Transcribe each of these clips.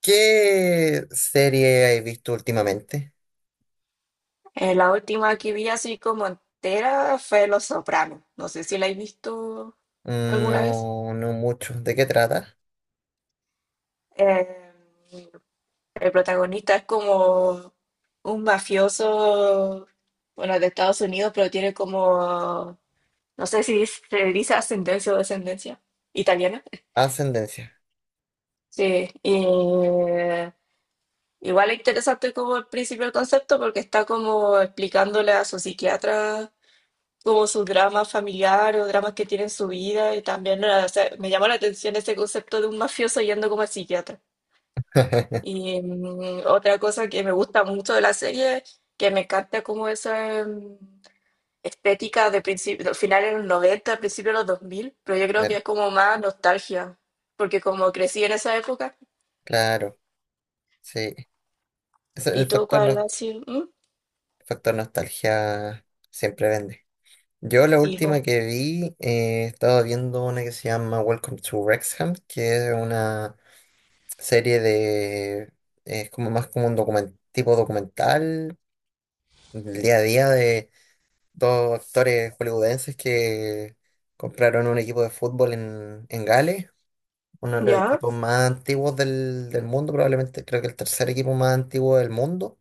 ¿Qué serie he visto últimamente? La última que vi así como entera fue Los Sopranos. No sé si la he visto alguna vez. No, no mucho. ¿De qué trata? Eh, el protagonista es como un mafioso, bueno, de Estados Unidos, pero tiene como, no sé si se dice ascendencia o descendencia italiana. Ascendencia. Sí, y igual es interesante como el principio del concepto porque está como explicándole a su psiquiatra como su drama familiar o dramas que tiene en su vida. Y también o sea, me llamó la atención ese concepto de un mafioso yendo como al psiquiatra. Y otra cosa que me gusta mucho de la serie, que me encanta como esa estética de principio, finales de los 90, principios de los dos mil, pero yo creo que Bueno, es como más nostalgia, porque como crecí en esa época, claro, sí. Es y el tú, factor, ¿cuál no- ha sido? ¿Mm? factor nostalgia siempre vende. Yo la Sí, po. última que vi, estaba viendo una que se llama Welcome to Wrexham, que es una serie de... Es como más como un tipo documental, el día a día de dos actores hollywoodenses que compraron un equipo de fútbol en Gales, uno de los Ya, equipos más antiguos del mundo, probablemente creo que el tercer equipo más antiguo del mundo.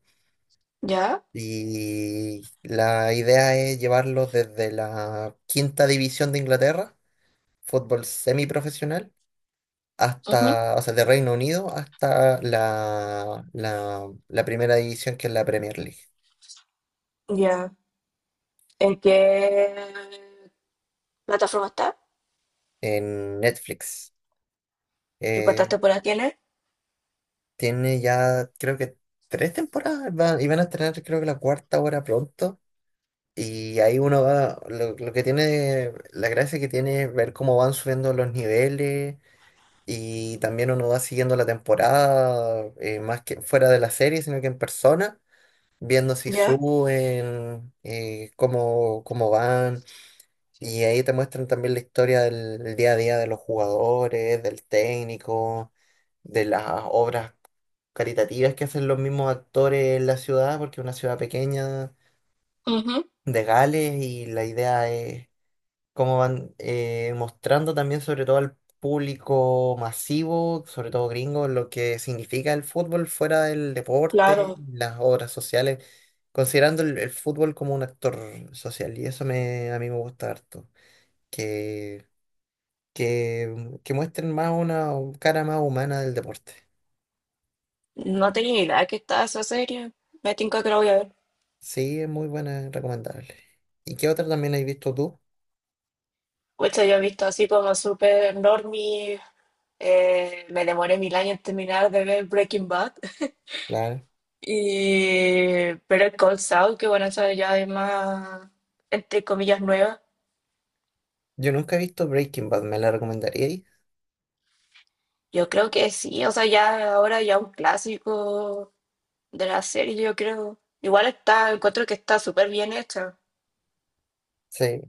ya, Y la idea es llevarlos desde la quinta división de Inglaterra, fútbol semiprofesional, ujú, hasta, o sea, de Reino Unido hasta la primera división que es la Premier League ya, ¿en qué plataforma está? en Netflix. ¿Y Eh, cuántas temporadas tiene? Tiene ya, creo que tres y van a estrenar, creo que la cuarta ahora pronto. Y ahí uno va, lo que tiene, la gracia que tiene es ver cómo van subiendo los niveles y también uno va siguiendo la temporada, más que fuera de la serie, sino que en persona, viendo si Ya, suben, cómo van. Y ahí te muestran también la historia del día a día de los jugadores, del técnico de las obras caritativas que hacen los mismos actores en la ciudad, porque es una ciudad pequeña ujú, de Gales y la idea es cómo van mostrando también sobre todo al público masivo, sobre todo gringo, lo que significa el fútbol fuera del deporte, claro, las obras sociales, considerando el fútbol como un actor social y eso me, a mí me gusta harto, que, que muestren más una cara más humana del deporte. no tenía idea que estaba esa serie. Me tinca que la voy a ver. Sí, es muy buena, recomendable. ¿Y qué otra también has visto tú? Pucha, yo he visto así como súper normie. Me demoré mil años en terminar de ver Breaking Bad. Claro. Y pero el Cold Saul, que bueno, esa ya es más, entre comillas, nueva. Yo nunca he visto Breaking Bad, ¿me la recomendaríais? Yo creo que sí, o sea, ya ahora ya un clásico de la serie, yo creo. Igual está, encuentro que está súper bien hecha. Sí,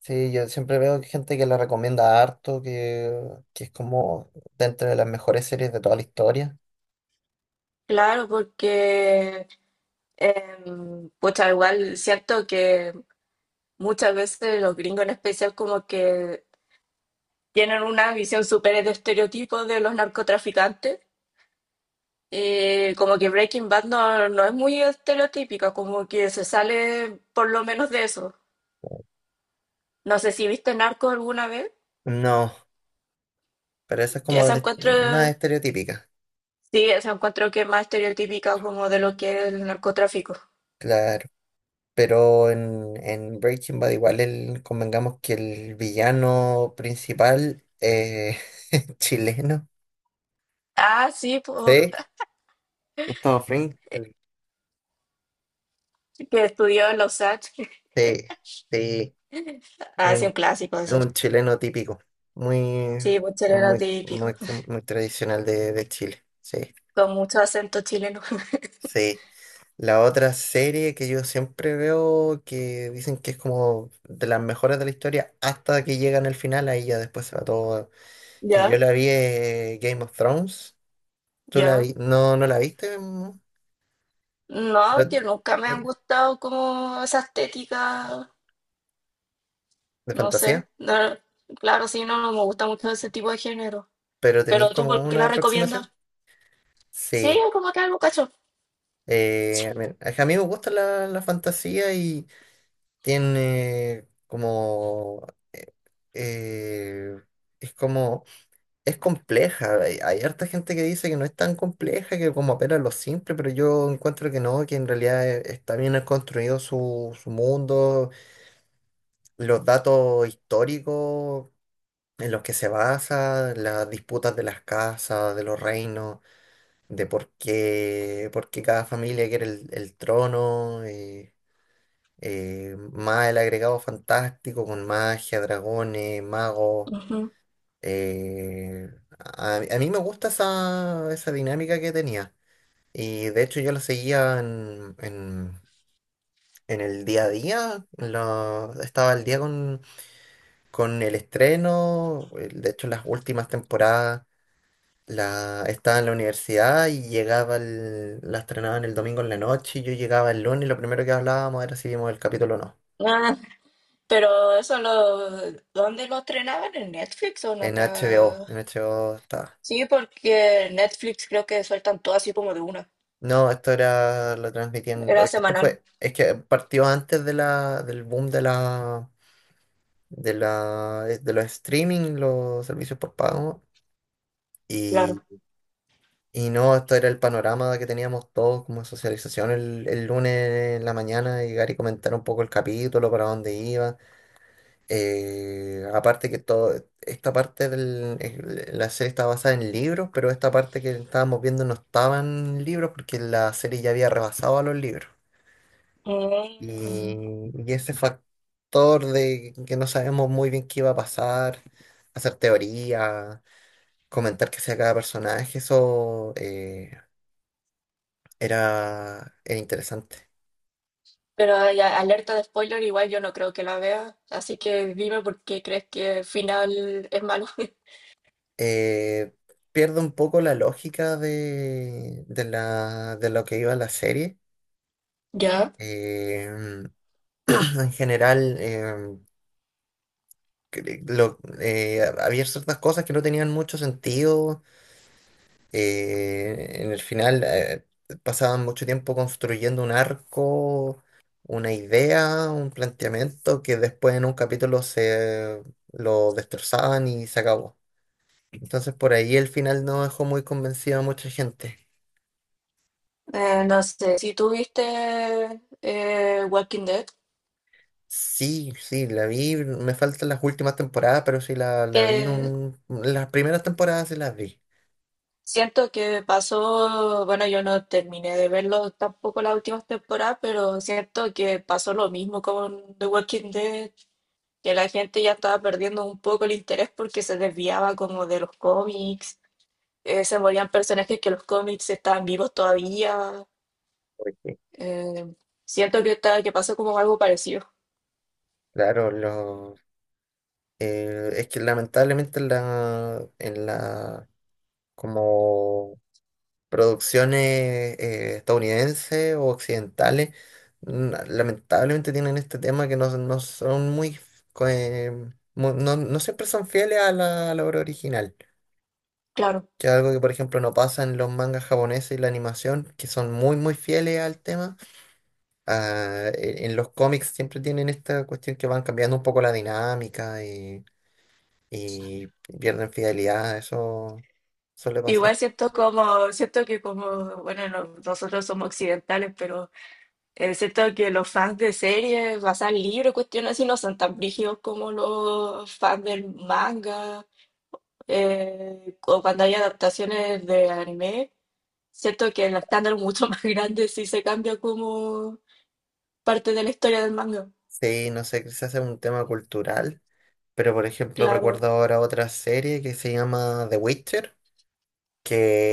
sí, yo siempre veo gente que la recomienda harto, que es como dentro de las mejores series de toda la historia. Claro, porque pucha, igual siento que muchas veces los gringos en especial como que tienen una visión súper de estereotipos de los narcotraficantes, y como que Breaking Bad no es muy estereotípica, como que se sale por lo menos de eso. No sé si viste Narcos alguna vez, No, pero esa es que como esa encuentro, más estereotípica, sí, esa encuentro que es más estereotípica como de lo que es el narcotráfico. claro. Pero en Breaking Bad igual el, convengamos que el villano principal chileno. Ah, sí, pues, Sí, Gustavo Fring. que estudió en Los Ángeles. Sí, sí. Ah, sí, Un, un clásico eso. un chileno típico, muy, Sí, pues era típico. Muy tradicional de Chile. Sí, Con mucho acento chileno. sí. La otra serie que yo siempre veo que dicen que es como de las mejores de la historia hasta que llegan al final, ahí ya después se va todo. Que yo Ya, la vi Game of Thrones. ¿Tú la ya. vi? No, no la viste, ¿no? No, Pero- que nunca me eh, han gustado como esa estética, de no sé. fantasía, No, claro, sí, no me gusta mucho ese tipo de género. pero tenéis Pero tú, como ¿por qué una la aproximación. recomiendas? Sí, Sí. es como que algo cacho. Eh, a mí a mí me gusta la fantasía tiene como... eh, eh, es como... Es compleja. Hay harta gente que dice que no es tan compleja, que como apela a lo simple, pero yo encuentro que no, que en realidad está bien construido su mundo, los datos históricos en los que se basa, las disputas de las casas, de los reinos, de por qué cada familia quiere el trono. Más el agregado fantástico con magia, dragones, magos. Ujú. eh, a mí me gusta esa dinámica que tenía. Y de hecho yo la seguía en el día a día. Estaba al día con el estreno. De hecho las últimas temporadas estaba en la universidad y llegaba la estrenaban el domingo en la noche y yo llegaba el lunes y lo primero que hablábamos era si vimos el capítulo o no. Ah, pero eso lo, ¿dónde lo estrenaban? ¿En Netflix o en En HBO, otra? en HBO está. Sí, porque en Netflix creo que sueltan todo así como de una. No, esto era, lo transmitían, Era esto semanal, fue, es que partió antes de del boom de de los streaming, los servicios por pago, y, claro. y no, esto era el panorama que teníamos todos como socialización el lunes en la mañana, llegar y comentar un poco el capítulo, para dónde iba. Eh, aparte que todo, Esta parte la serie estaba basada en libros, pero esta parte que estábamos viendo no estaban libros porque la serie ya había rebasado a los libros. Y, Mm. y ese factor de que no sabemos muy bien qué iba a pasar, hacer teoría, comentar qué hacía cada personaje, eso era, era interesante. Pero ya, alerta de spoiler, igual yo no creo que la vea, así que dime por qué crees que el final es malo. Eh, Pierde un poco la lógica de lo que iba la serie. Ya, Eh, en general, había ciertas cosas que no tenían mucho sentido. En el final, pasaban mucho tiempo construyendo un arco, una idea, un planteamiento que después en un capítulo se lo destrozaban y se acabó. Entonces, por ahí el final no dejó muy convencido a mucha gente. No sé, si tú viste Walking Dead, Sí, sí, la vi, me faltan las últimas temporadas, pero sí la vi, que las primeras temporadas sí las vi. siento que pasó, bueno, yo no terminé de verlo tampoco las últimas temporadas, pero siento que pasó lo mismo con The Walking Dead, que la gente ya estaba perdiendo un poco el interés porque se desviaba como de los cómics, se morían personajes que los cómics estaban vivos todavía. Porque, Eh, Siento que, está, que pasó como algo parecido. claro, es que lamentablemente en la como producciones estadounidenses o occidentales, lamentablemente tienen este tema que no son muy, co- eh, no, no siempre son fieles a a la obra original, Claro. que es algo que por ejemplo no pasa en los mangas japoneses y la animación, que son muy muy fieles al tema. En los cómics siempre tienen esta cuestión que van cambiando un poco la dinámica y pierden fidelidad, eso suele Igual pasar. siento como, siento que como, bueno, nosotros somos occidentales, pero siento que los fans de series, basan libros, cuestiones así, no son tan brígidos como los fans del manga, o cuando hay adaptaciones de anime. Siento que el estándar es mucho más grande si se cambia como parte de la historia del manga. Sí, no sé, quizás es un tema cultural, pero por ejemplo Claro. recuerdo ahora otra serie que se llama The Witcher,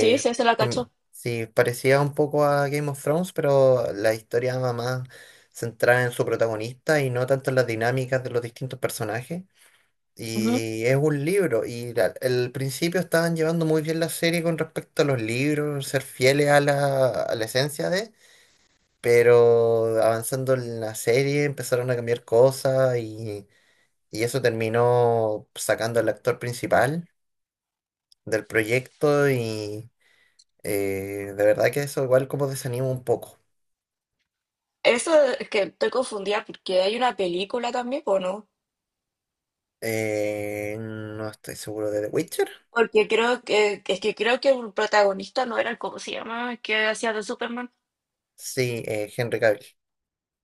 Sí, sí, se la sí, cachó. sí, parecía un poco a Game of Thrones, pero la historia va más centrada en su protagonista y no tanto en las dinámicas de los distintos personajes. Y es un libro, y al principio estaban llevando muy bien la serie con respecto a los libros, ser fieles a a la esencia de... pero avanzando en la serie empezaron a cambiar cosas y eso terminó sacando al actor principal del proyecto y de verdad que eso igual como desanima un poco. Eso es que estoy confundida porque hay una película también, ¿o no? No estoy seguro de The Witcher. Porque creo que, es que creo que el protagonista no era el, ¿cómo se llama? El que hacía de Superman. Sí, Henry Cavill.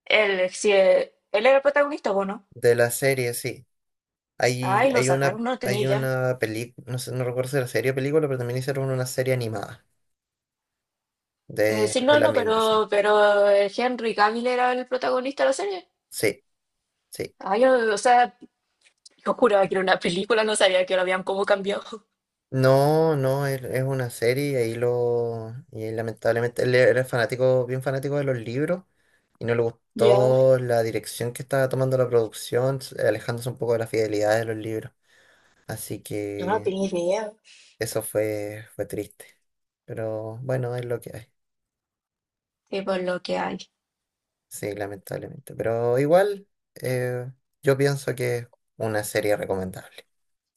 Él, si, e, él era el protagonista, ¿o no? De la serie, sí. Ay, lo sacaron, no tenía Hay idea. una película, no sé, no recuerdo si era serie o película, pero también hicieron una serie animada Sí, de no, la no, misma, sí. Pero Henry Cavill era el protagonista de la serie. Sí, sí. Ay, yo, o sea, yo juraba que era una película, no sabía que lo habían como cambiado. No, no, es una serie y ahí lo... Y ahí, lamentablemente él era fanático, bien fanático de los libros y no le Ya, gustó la dirección que estaba tomando la producción, alejándose un poco de la fidelidad de los libros. Así yo no que tenía idea. eso fue, fue triste. Pero bueno, es lo que hay. Sí, por lo que hay. Sí, lamentablemente. Pero igual, eh, yo pienso que es una serie recomendable.